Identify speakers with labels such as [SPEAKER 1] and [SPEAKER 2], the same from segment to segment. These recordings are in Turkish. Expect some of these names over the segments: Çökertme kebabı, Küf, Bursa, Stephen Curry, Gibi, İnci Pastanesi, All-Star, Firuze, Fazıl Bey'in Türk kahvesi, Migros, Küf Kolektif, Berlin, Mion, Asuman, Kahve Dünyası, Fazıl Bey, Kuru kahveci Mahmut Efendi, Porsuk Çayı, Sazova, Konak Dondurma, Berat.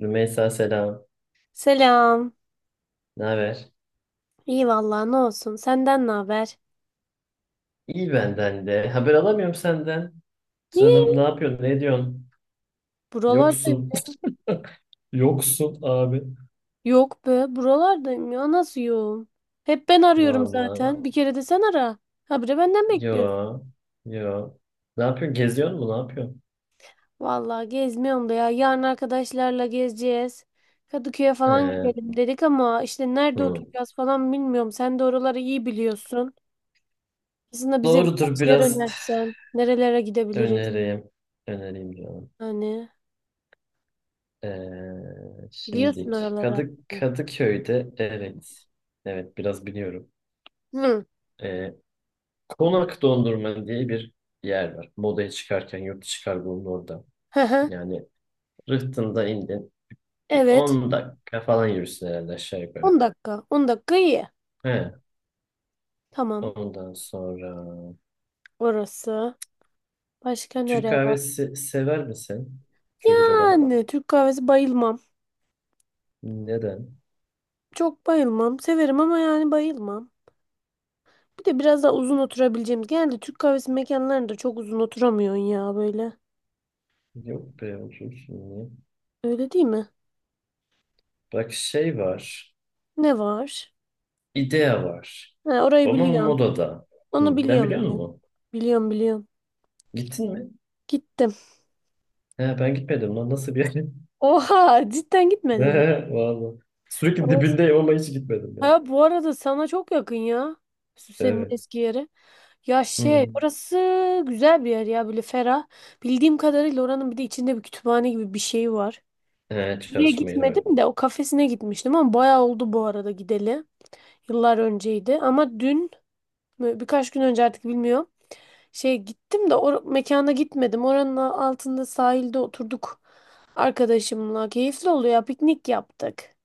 [SPEAKER 1] Rümeysa selam.
[SPEAKER 2] Selam.
[SPEAKER 1] Ne haber?
[SPEAKER 2] İyi vallahi, ne olsun? Senden ne haber?
[SPEAKER 1] İyi benden de. Haber alamıyorum senden. Canım ne
[SPEAKER 2] Niye?
[SPEAKER 1] yapıyorsun? Ne diyorsun?
[SPEAKER 2] Buralardayım.
[SPEAKER 1] Yoksun. Yoksun abi.
[SPEAKER 2] Yok be, buralardayım ya. Nasıl yoğun? Hep ben arıyorum
[SPEAKER 1] Vallahi.
[SPEAKER 2] zaten. Bir kere de sen ara. Habire benden bekliyorsun.
[SPEAKER 1] Yo. Yo. Ne yapıyorsun? Geziyor mu? Ne yapıyorsun?
[SPEAKER 2] Vallahi gezmiyorum da ya. Yarın arkadaşlarla gezeceğiz. Kadıköy'e falan
[SPEAKER 1] Ee,
[SPEAKER 2] gidelim dedik ama işte nerede
[SPEAKER 1] hı.
[SPEAKER 2] oturacağız falan bilmiyorum. Sen de oraları iyi biliyorsun. Aslında bize
[SPEAKER 1] Doğrudur
[SPEAKER 2] birkaç yer
[SPEAKER 1] biraz.
[SPEAKER 2] önersen, nerelere gidebiliriz?
[SPEAKER 1] Önereyim. Önereyim canım.
[SPEAKER 2] Hani biliyorsun
[SPEAKER 1] Şimdik.
[SPEAKER 2] oraları.
[SPEAKER 1] Kadıköy'de, evet. Evet biraz biliyorum.
[SPEAKER 2] Hı.
[SPEAKER 1] Ee, Konak Dondurma diye bir yer var. Modaya çıkarken yurt dışı kargonun orada.
[SPEAKER 2] Hı hı.
[SPEAKER 1] Yani Rıhtım'da indin. Bir
[SPEAKER 2] Evet.
[SPEAKER 1] 10 dakika falan yürürsün herhalde aşağı
[SPEAKER 2] 10
[SPEAKER 1] yukarı.
[SPEAKER 2] dakika. 10 dakika iyi.
[SPEAKER 1] He.
[SPEAKER 2] Tamam.
[SPEAKER 1] Ondan sonra
[SPEAKER 2] Orası. Başka
[SPEAKER 1] Türk
[SPEAKER 2] nereye var?
[SPEAKER 1] kahvesi sever misin? Çocuk adam.
[SPEAKER 2] Yani Türk kahvesi bayılmam.
[SPEAKER 1] Neden?
[SPEAKER 2] Çok bayılmam. Severim ama yani bayılmam. Bir de biraz daha uzun oturabileceğimiz. Genelde Türk kahvesi mekanlarında çok uzun oturamıyorsun ya böyle.
[SPEAKER 1] Yok be, otursun niye?
[SPEAKER 2] Öyle değil mi?
[SPEAKER 1] Bak şey var.
[SPEAKER 2] Ne var?
[SPEAKER 1] İdea var.
[SPEAKER 2] Ha, orayı
[SPEAKER 1] Ama
[SPEAKER 2] biliyorum.
[SPEAKER 1] modada. Hı,
[SPEAKER 2] Onu
[SPEAKER 1] ben
[SPEAKER 2] biliyorum.
[SPEAKER 1] biliyor
[SPEAKER 2] Biliyorum
[SPEAKER 1] musun?
[SPEAKER 2] biliyorum. biliyorum.
[SPEAKER 1] Gittin mi?
[SPEAKER 2] Gittim.
[SPEAKER 1] He, ben gitmedim lan. Nasıl bir yer?
[SPEAKER 2] Oha, cidden
[SPEAKER 1] He,
[SPEAKER 2] gitmedin mi?
[SPEAKER 1] vallahi. Sürekli
[SPEAKER 2] Orası.
[SPEAKER 1] dibindeyim ama hiç gitmedim ya.
[SPEAKER 2] Ha, bu arada sana çok yakın ya. Süsen'in
[SPEAKER 1] Evet.
[SPEAKER 2] eski yeri. Ya şey,
[SPEAKER 1] Hı.
[SPEAKER 2] burası güzel bir yer ya, böyle ferah. Bildiğim kadarıyla oranın bir de içinde bir kütüphane gibi bir şey var.
[SPEAKER 1] He,
[SPEAKER 2] Oraya
[SPEAKER 1] çalışma yeri var.
[SPEAKER 2] gitmedim de o kafesine gitmiştim ama bayağı oldu bu arada gideli. Yıllar önceydi ama birkaç gün önce artık bilmiyorum. Şey, gittim de o mekana gitmedim. Oranın altında sahilde oturduk arkadaşımla. Keyifli oluyor ya, piknik yaptık.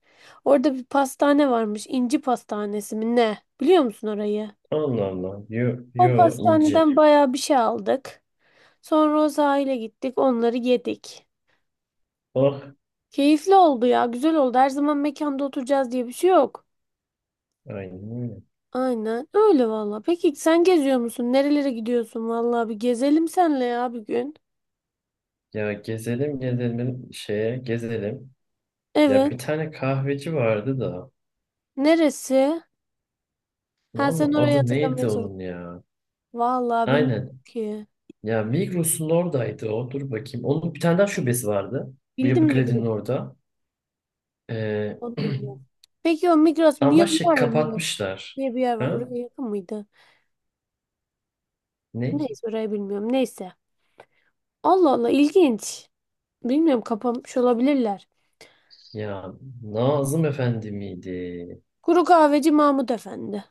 [SPEAKER 2] Orada bir pastane varmış. İnci Pastanesi mi ne? Biliyor musun orayı?
[SPEAKER 1] Allah Allah. Yo,
[SPEAKER 2] O
[SPEAKER 1] yo, inci.
[SPEAKER 2] pastaneden bayağı bir şey aldık. Sonra o sahile gittik, onları yedik.
[SPEAKER 1] Oh.
[SPEAKER 2] Keyifli oldu ya, güzel oldu. Her zaman mekanda oturacağız diye bir şey yok.
[SPEAKER 1] Aynen öyle.
[SPEAKER 2] Aynen öyle valla. Peki sen geziyor musun? Nerelere gidiyorsun valla? Bir gezelim senle ya bir gün.
[SPEAKER 1] Ya gezelim gezelim, şeye gezelim. Ya
[SPEAKER 2] Evet.
[SPEAKER 1] bir tane kahveci vardı da.
[SPEAKER 2] Neresi? Ha sen
[SPEAKER 1] Vallahi
[SPEAKER 2] orayı
[SPEAKER 1] adı
[SPEAKER 2] hatırlamaya
[SPEAKER 1] neydi
[SPEAKER 2] çalış.
[SPEAKER 1] onun ya?
[SPEAKER 2] Valla bilmiyorum
[SPEAKER 1] Aynen.
[SPEAKER 2] ki.
[SPEAKER 1] Ya Migros'un oradaydı o. Dur bakayım. Onun bir tane daha şubesi vardı. Bu
[SPEAKER 2] Bildim,
[SPEAKER 1] Yapı Kredi'nin
[SPEAKER 2] Migros.
[SPEAKER 1] orada. Ee,
[SPEAKER 2] Onu bilmiyorum. Peki o Migros
[SPEAKER 1] ama
[SPEAKER 2] Mion
[SPEAKER 1] şey
[SPEAKER 2] var ya, Mion
[SPEAKER 1] kapatmışlar.
[SPEAKER 2] diye bir yer var.
[SPEAKER 1] Ha?
[SPEAKER 2] Oraya yakın mıydı?
[SPEAKER 1] Ne?
[SPEAKER 2] Neyse, orayı bilmiyorum. Neyse. Allah Allah, ilginç. Bilmiyorum, kapamış olabilirler.
[SPEAKER 1] Ya Nazım Efendi miydi?
[SPEAKER 2] Kuru kahveci Mahmut Efendi.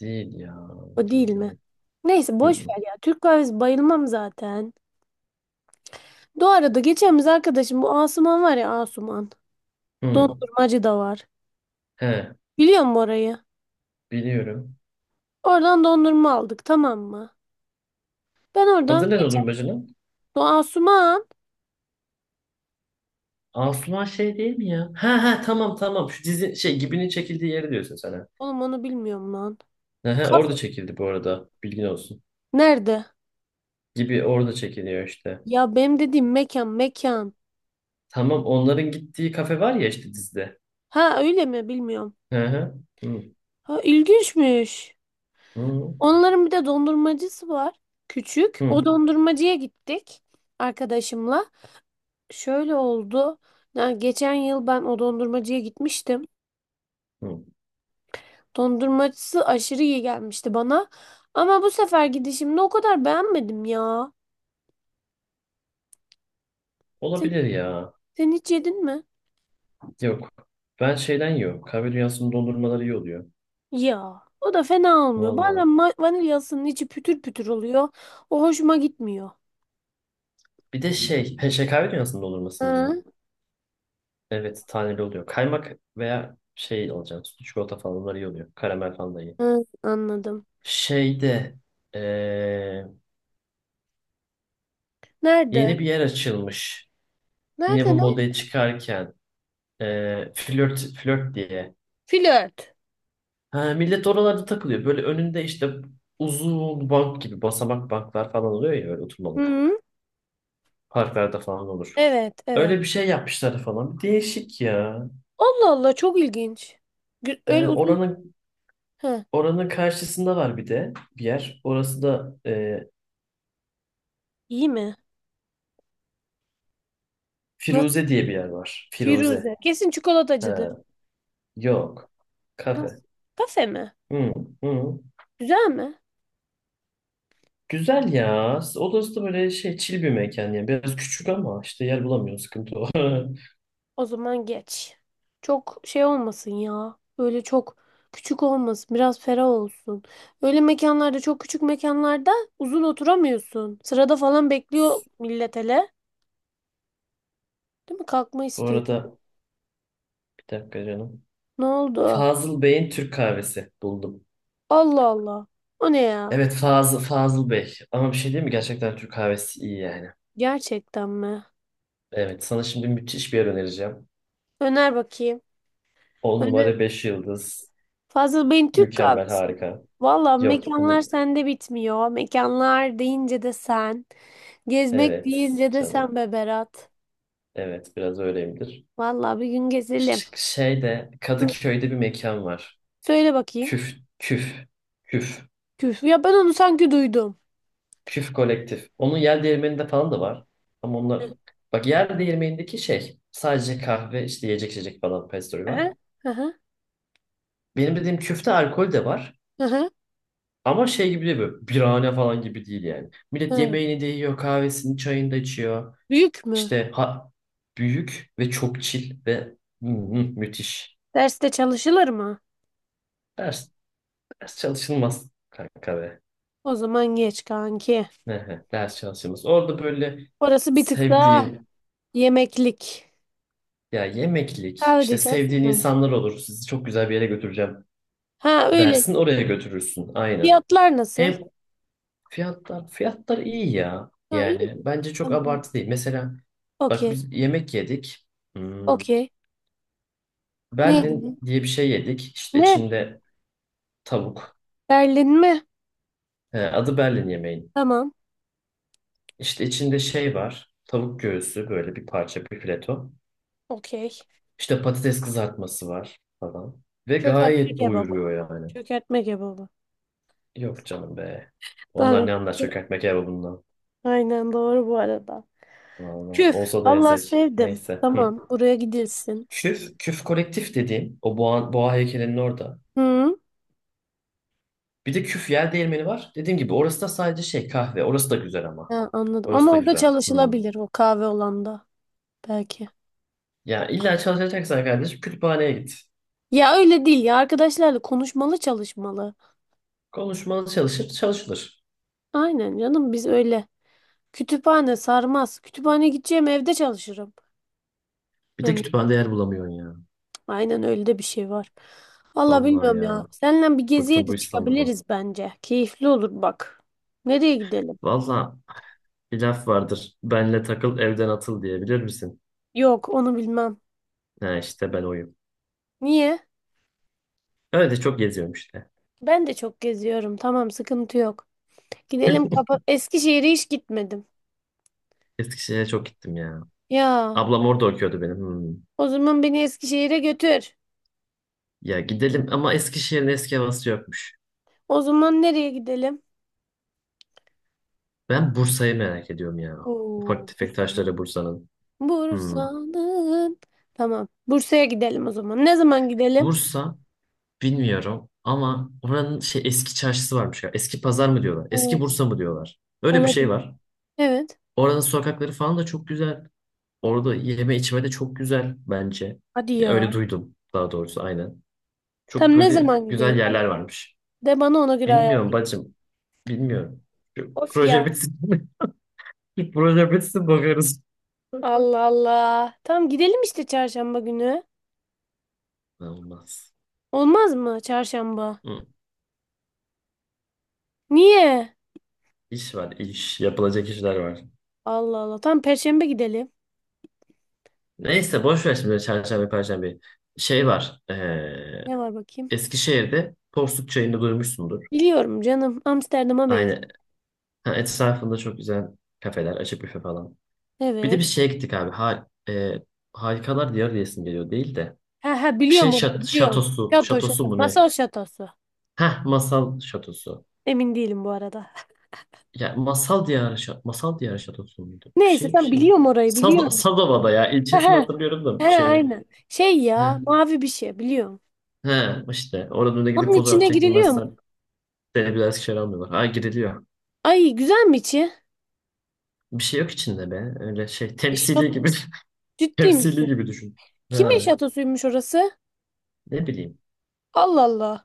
[SPEAKER 1] Değil ya.
[SPEAKER 2] O değil mi?
[SPEAKER 1] Değil.
[SPEAKER 2] Neyse
[SPEAKER 1] Hı
[SPEAKER 2] boş
[SPEAKER 1] hı.
[SPEAKER 2] ver ya. Türk kahvesi bayılmam zaten. Bu arada geçen biz, arkadaşım bu Asuman var ya, Asuman.
[SPEAKER 1] Hı.
[SPEAKER 2] Dondurmacı da var.
[SPEAKER 1] He,
[SPEAKER 2] Biliyor musun orayı?
[SPEAKER 1] biliyorum.
[SPEAKER 2] Oradan dondurma aldık, tamam mı? Ben oradan
[SPEAKER 1] Adı ne
[SPEAKER 2] geçen,
[SPEAKER 1] Dondurmacı'nın?
[SPEAKER 2] bu Asuman.
[SPEAKER 1] Asuman şey değil mi ya? Ha ha, tamam tamam. Şu dizi şey Gibi'nin çekildiği yeri diyorsun sen. Ha.
[SPEAKER 2] Oğlum, onu bilmiyorum lan.
[SPEAKER 1] He he,
[SPEAKER 2] Kafe.
[SPEAKER 1] orada çekildi bu arada. Bilgin olsun.
[SPEAKER 2] Nerede?
[SPEAKER 1] Gibi orada çekiliyor işte.
[SPEAKER 2] Ya benim dediğim mekan.
[SPEAKER 1] Tamam, onların gittiği kafe var ya, işte dizide.
[SPEAKER 2] Ha öyle mi, bilmiyorum.
[SPEAKER 1] He he. Hı
[SPEAKER 2] Ha, ilginçmiş.
[SPEAKER 1] hı
[SPEAKER 2] Onların bir de dondurmacısı var. Küçük. O
[SPEAKER 1] hı
[SPEAKER 2] dondurmacıya gittik arkadaşımla. Şöyle oldu. Yani geçen yıl ben o dondurmacıya gitmiştim.
[SPEAKER 1] hı.
[SPEAKER 2] Dondurmacısı aşırı iyi gelmişti bana. Ama bu sefer gidişimde o kadar beğenmedim ya. Sen,
[SPEAKER 1] Olabilir ya.
[SPEAKER 2] sen hiç yedin mi?
[SPEAKER 1] Yok. Ben şeyden yiyorum. Kahve dünyasının dondurmaları iyi oluyor.
[SPEAKER 2] Ya o da fena olmuyor.
[SPEAKER 1] Valla.
[SPEAKER 2] Bazen vanilyasının içi pütür pütür oluyor. O hoşuma gitmiyor.
[SPEAKER 1] Bir de şey. He, şey, kahve dünyasının dondurmasının mı?
[SPEAKER 2] Hı,
[SPEAKER 1] Evet, taneli oluyor. Kaymak veya şey alacağım. Sütlü çikolata falan, bunlar iyi oluyor. Karamel falan da iyi.
[SPEAKER 2] hı, anladım.
[SPEAKER 1] Şeyde eee,
[SPEAKER 2] Nerede?
[SPEAKER 1] yeni bir yer açılmış. Yine
[SPEAKER 2] Nerede?
[SPEAKER 1] bu
[SPEAKER 2] Nerede?
[SPEAKER 1] modaya çıkarken flört diye.
[SPEAKER 2] Flört.
[SPEAKER 1] Ha, millet oralarda takılıyor. Böyle önünde işte uzun bank gibi basamak banklar falan oluyor ya, böyle oturmalık.
[SPEAKER 2] Hı,
[SPEAKER 1] Parklarda falan olur.
[SPEAKER 2] evet evet.
[SPEAKER 1] Öyle bir şey yapmışlar falan. Değişik ya.
[SPEAKER 2] Allah Allah, çok ilginç.
[SPEAKER 1] Ee,
[SPEAKER 2] Öyle uzun.
[SPEAKER 1] oranın
[SPEAKER 2] Heh,
[SPEAKER 1] oranın karşısında var bir de bir yer. Orası da
[SPEAKER 2] iyi mi? Nasıl?
[SPEAKER 1] Firuze diye bir yer var. Firuze.
[SPEAKER 2] Firuze. Kesin çikolatacıdır.
[SPEAKER 1] Ha, yok.
[SPEAKER 2] Nasıl?
[SPEAKER 1] Kafe.
[SPEAKER 2] Kafe mi?
[SPEAKER 1] Hı, hı.
[SPEAKER 2] Güzel mi?
[SPEAKER 1] Güzel ya. Odası da böyle şey, çil bir mekan yani. Biraz küçük ama işte yer bulamıyoruz. Sıkıntı o.
[SPEAKER 2] O zaman geç. Çok şey olmasın ya. Böyle çok küçük olmasın. Biraz ferah olsun. Öyle mekanlarda, çok küçük mekanlarda uzun oturamıyorsun. Sırada falan bekliyor millet hele. Değil mi? Kalkma
[SPEAKER 1] Bu
[SPEAKER 2] istiyor.
[SPEAKER 1] arada bir dakika canım.
[SPEAKER 2] Ne oldu?
[SPEAKER 1] Fazıl Bey'in Türk kahvesi buldum.
[SPEAKER 2] Allah Allah. O ne ya?
[SPEAKER 1] Evet, Fazıl Bey. Ama bir şey değil mi? Gerçekten Türk kahvesi iyi yani.
[SPEAKER 2] Gerçekten mi?
[SPEAKER 1] Evet, sana şimdi müthiş bir yer önereceğim.
[SPEAKER 2] Öner bakayım.
[SPEAKER 1] 10 numara 5 yıldız.
[SPEAKER 2] Fazıl Bey'in Türk
[SPEAKER 1] Mükemmel,
[SPEAKER 2] kahvesi.
[SPEAKER 1] harika.
[SPEAKER 2] Valla
[SPEAKER 1] Yok onu...
[SPEAKER 2] mekanlar sende bitmiyor. Mekanlar deyince de sen. Gezmek
[SPEAKER 1] Evet
[SPEAKER 2] deyince de sen
[SPEAKER 1] canım.
[SPEAKER 2] be Berat.
[SPEAKER 1] Evet, biraz öyleyimdir.
[SPEAKER 2] Valla bir gün gezelim.
[SPEAKER 1] Şeyde,
[SPEAKER 2] Hı.
[SPEAKER 1] Kadıköy'de bir mekan var.
[SPEAKER 2] Söyle bakayım.
[SPEAKER 1] Küf, küf, küf,
[SPEAKER 2] Küf. Ya ben onu sanki duydum.
[SPEAKER 1] küf kolektif. Onun yer değirmeninde falan da var. Ama onlar, bak, yer değirmenindeki şey sadece kahve, işte yiyecek içecek falan, pastry
[SPEAKER 2] Aha,
[SPEAKER 1] var.
[SPEAKER 2] aha,
[SPEAKER 1] Benim dediğim küfte alkol de var.
[SPEAKER 2] aha,
[SPEAKER 1] Ama şey gibi değil, böyle birahane falan gibi değil yani. Millet
[SPEAKER 2] aha.
[SPEAKER 1] yemeğini de yiyor, kahvesini, çayını da içiyor.
[SPEAKER 2] Büyük mü?
[SPEAKER 1] İşte ha, büyük ve çok chill ve hı hı, müthiş.
[SPEAKER 2] Derste çalışılır mı?
[SPEAKER 1] Ders, ders çalışılmaz kanka be.
[SPEAKER 2] O zaman geç kanki.
[SPEAKER 1] Hı hı, ders çalışıyoruz. Orada böyle
[SPEAKER 2] Orası bir tık daha
[SPEAKER 1] sevdiğin,
[SPEAKER 2] yemeklik.
[SPEAKER 1] ya, yemeklik,
[SPEAKER 2] Kahve
[SPEAKER 1] işte
[SPEAKER 2] diyeceğiz.
[SPEAKER 1] sevdiğin
[SPEAKER 2] Ha,
[SPEAKER 1] insanlar olur. Sizi çok güzel bir yere götüreceğim
[SPEAKER 2] ha, öyle.
[SPEAKER 1] dersin, oraya götürürsün. Aynen.
[SPEAKER 2] Fiyatlar nasıl?
[SPEAKER 1] Hem fiyatlar iyi ya.
[SPEAKER 2] Ha, iyi.
[SPEAKER 1] Yani bence çok
[SPEAKER 2] Tamam.
[SPEAKER 1] abartı değil. Mesela bak,
[SPEAKER 2] Okey.
[SPEAKER 1] biz yemek yedik. Hmm,
[SPEAKER 2] Okey. Neydi?
[SPEAKER 1] Berlin diye bir şey yedik. İşte
[SPEAKER 2] Ne?
[SPEAKER 1] içinde tavuk.
[SPEAKER 2] Berlin mi?
[SPEAKER 1] He, adı Berlin yemeğin.
[SPEAKER 2] Tamam.
[SPEAKER 1] İşte içinde şey var. Tavuk göğsü, böyle bir parça, bir fileto.
[SPEAKER 2] Okey.
[SPEAKER 1] İşte patates kızartması var falan. Ve
[SPEAKER 2] Çökertme
[SPEAKER 1] gayet
[SPEAKER 2] kebabı.
[SPEAKER 1] doyuruyor yani.
[SPEAKER 2] Çökertme kebabı.
[SPEAKER 1] Yok canım be. Onlar
[SPEAKER 2] Tabii.
[SPEAKER 1] ne anlar çökertme kebabından.
[SPEAKER 2] Aynen doğru bu arada.
[SPEAKER 1] Vallahi.
[SPEAKER 2] Küf.
[SPEAKER 1] Olsa da
[SPEAKER 2] Allah,
[SPEAKER 1] yesek.
[SPEAKER 2] sevdim.
[SPEAKER 1] Neyse. Hı.
[SPEAKER 2] Tamam, buraya gidilsin.
[SPEAKER 1] Küf kolektif dediğim, o boğa heykelinin orada.
[SPEAKER 2] Hı.
[SPEAKER 1] Bir de küf yer değirmeni var. Dediğim gibi orası da sadece şey, kahve. Orası da güzel ama.
[SPEAKER 2] Ha, anladım.
[SPEAKER 1] Orası
[SPEAKER 2] Ama
[SPEAKER 1] da
[SPEAKER 2] orada
[SPEAKER 1] güzel. Hı.
[SPEAKER 2] çalışılabilir, o kahve olanda. Belki.
[SPEAKER 1] Ya illa çalışacaksan kardeşim, kütüphaneye git.
[SPEAKER 2] Ya öyle değil ya. Arkadaşlarla konuşmalı çalışmalı.
[SPEAKER 1] Konuşmalı çalışır, çalışılır.
[SPEAKER 2] Aynen canım, biz öyle. Kütüphane sarmaz. Kütüphane gideceğim, evde çalışırım.
[SPEAKER 1] Bir de
[SPEAKER 2] Yani
[SPEAKER 1] kütüphanede yer bulamıyorsun ya.
[SPEAKER 2] aynen, öyle de bir şey var. Valla
[SPEAKER 1] Vallahi
[SPEAKER 2] bilmiyorum ya.
[SPEAKER 1] ya.
[SPEAKER 2] Seninle bir geziye
[SPEAKER 1] Bıktım bu
[SPEAKER 2] de
[SPEAKER 1] İstanbul'da.
[SPEAKER 2] çıkabiliriz bence. Keyifli olur bak. Nereye gidelim?
[SPEAKER 1] Vallahi, bir laf vardır. Benle takıl, evden atıl diye, bilir misin?
[SPEAKER 2] Yok, onu bilmem.
[SPEAKER 1] Ha işte, ben oyum.
[SPEAKER 2] Niye?
[SPEAKER 1] Öyle çok geziyorum işte.
[SPEAKER 2] Ben de çok geziyorum. Tamam, sıkıntı yok. Gidelim kapa, Eskişehir'e hiç gitmedim.
[SPEAKER 1] Eskişehir'e çok gittim ya.
[SPEAKER 2] Ya
[SPEAKER 1] Ablam orada okuyordu benim. Hmm.
[SPEAKER 2] o zaman beni Eskişehir'e götür.
[SPEAKER 1] Ya gidelim ama Eskişehir'in eski havası yokmuş.
[SPEAKER 2] O zaman nereye gidelim?
[SPEAKER 1] Ben Bursa'yı merak ediyorum ya. Ufak
[SPEAKER 2] Oo,
[SPEAKER 1] tefek
[SPEAKER 2] Bursa mı?
[SPEAKER 1] taşları Bursa'nın. Hmm.
[SPEAKER 2] Bursa'nın. Tamam. Bursa'ya gidelim o zaman. Ne zaman gidelim?
[SPEAKER 1] Bursa bilmiyorum ama oranın şey, eski çarşısı varmış ya. Eski pazar mı diyorlar?
[SPEAKER 2] Ee,
[SPEAKER 1] Eski Bursa mı diyorlar? Öyle bir şey
[SPEAKER 2] olabilir.
[SPEAKER 1] var.
[SPEAKER 2] Evet.
[SPEAKER 1] Oranın sokakları falan da çok güzel. Orada yeme içme de çok güzel bence.
[SPEAKER 2] Hadi
[SPEAKER 1] Ya öyle
[SPEAKER 2] ya.
[SPEAKER 1] duydum daha doğrusu, aynen. Çok
[SPEAKER 2] Tam ne
[SPEAKER 1] böyle
[SPEAKER 2] zaman gidelim?
[SPEAKER 1] güzel yerler varmış.
[SPEAKER 2] De bana, ona göre ayar.
[SPEAKER 1] Bilmiyorum bacım. Bilmiyorum. Şu
[SPEAKER 2] Of ya.
[SPEAKER 1] proje bitsin. Şu proje bitsin bakarız.
[SPEAKER 2] Allah Allah. Tamam, gidelim işte çarşamba günü.
[SPEAKER 1] Olmaz.
[SPEAKER 2] Olmaz mı çarşamba?
[SPEAKER 1] Hı.
[SPEAKER 2] Niye?
[SPEAKER 1] İş var iş. Yapılacak işler var.
[SPEAKER 2] Allah Allah. Tamam, perşembe gidelim.
[SPEAKER 1] Neyse, boş ver şimdi çarşambe perşembe. Şey var.
[SPEAKER 2] Ne var bakayım?
[SPEAKER 1] Eskişehir'de Porsuk Çayı'nı duymuşsundur.
[SPEAKER 2] Biliyorum canım. Amsterdam'a
[SPEAKER 1] Aynen.
[SPEAKER 2] benziyor.
[SPEAKER 1] Ha, etrafında çok güzel kafeler. Açık büfe falan. Bir de bir
[SPEAKER 2] Evet.
[SPEAKER 1] şeye gittik abi. Ha, Harikalar Diyarı diyesim geliyor değil de.
[SPEAKER 2] Ha ha,
[SPEAKER 1] Bir şey
[SPEAKER 2] biliyorum, orayı biliyorum.
[SPEAKER 1] şatosu.
[SPEAKER 2] Şato
[SPEAKER 1] Şatosu
[SPEAKER 2] şato.
[SPEAKER 1] mu ne?
[SPEAKER 2] Masal şatosu.
[SPEAKER 1] Heh, masal şatosu.
[SPEAKER 2] Emin değilim bu arada.
[SPEAKER 1] Ya masal diyarı masal diyarı şatosu muydu? Bir
[SPEAKER 2] Neyse
[SPEAKER 1] şey bir
[SPEAKER 2] tamam,
[SPEAKER 1] şey.
[SPEAKER 2] biliyorum, orayı biliyorum.
[SPEAKER 1] Sazova'da ya,
[SPEAKER 2] Ha
[SPEAKER 1] ilçesini
[SPEAKER 2] ha.
[SPEAKER 1] hatırlıyorum
[SPEAKER 2] Ha
[SPEAKER 1] da şeyi.
[SPEAKER 2] aynen. Şey
[SPEAKER 1] Heh,
[SPEAKER 2] ya, mavi bir şey biliyorum.
[SPEAKER 1] heh, işte oradan da gidip
[SPEAKER 2] Onun
[SPEAKER 1] fotoğraf
[SPEAKER 2] içine giriliyor mu?
[SPEAKER 1] çektirmezsen seni bir daha Eskişehir'e almıyorlar. Ha, giriliyor.
[SPEAKER 2] Ay, güzel mi içi?
[SPEAKER 1] Bir şey yok içinde be. Öyle şey, temsili
[SPEAKER 2] Şato,
[SPEAKER 1] gibi
[SPEAKER 2] ciddi
[SPEAKER 1] temsili
[SPEAKER 2] misin?
[SPEAKER 1] gibi düşün.
[SPEAKER 2] Kimin
[SPEAKER 1] Ha,
[SPEAKER 2] şatosuymuş orası?
[SPEAKER 1] ne bileyim.
[SPEAKER 2] Allah Allah.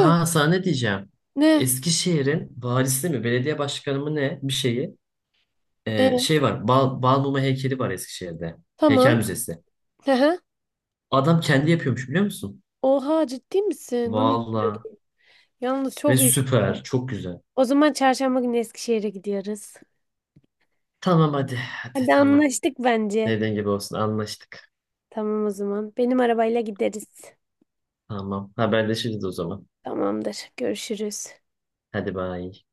[SPEAKER 2] Ö,
[SPEAKER 1] sana ne diyeceğim.
[SPEAKER 2] ne?
[SPEAKER 1] Eskişehir'in valisi mi belediye başkanı mı ne bir şeyi.
[SPEAKER 2] E,
[SPEAKER 1] Şey var. Balmumu heykeli var Eskişehir'de. Heykel
[SPEAKER 2] tamam.
[SPEAKER 1] müzesi.
[SPEAKER 2] Hı.
[SPEAKER 1] Adam kendi yapıyormuş, biliyor musun?
[SPEAKER 2] Oha, ciddi misin? Bunu
[SPEAKER 1] Valla.
[SPEAKER 2] bilmiyordum. Yalnız
[SPEAKER 1] Ve
[SPEAKER 2] çok iyi.
[SPEAKER 1] süper. Çok güzel.
[SPEAKER 2] O zaman çarşamba günü Eskişehir'e gidiyoruz.
[SPEAKER 1] Tamam hadi. Hadi
[SPEAKER 2] Hadi
[SPEAKER 1] tamam.
[SPEAKER 2] anlaştık bence.
[SPEAKER 1] Dediğin gibi olsun. Anlaştık.
[SPEAKER 2] Tamam o zaman. Benim arabayla gideriz.
[SPEAKER 1] Tamam. Haberleşiriz o zaman.
[SPEAKER 2] Tamamdır. Görüşürüz.
[SPEAKER 1] Hadi bay.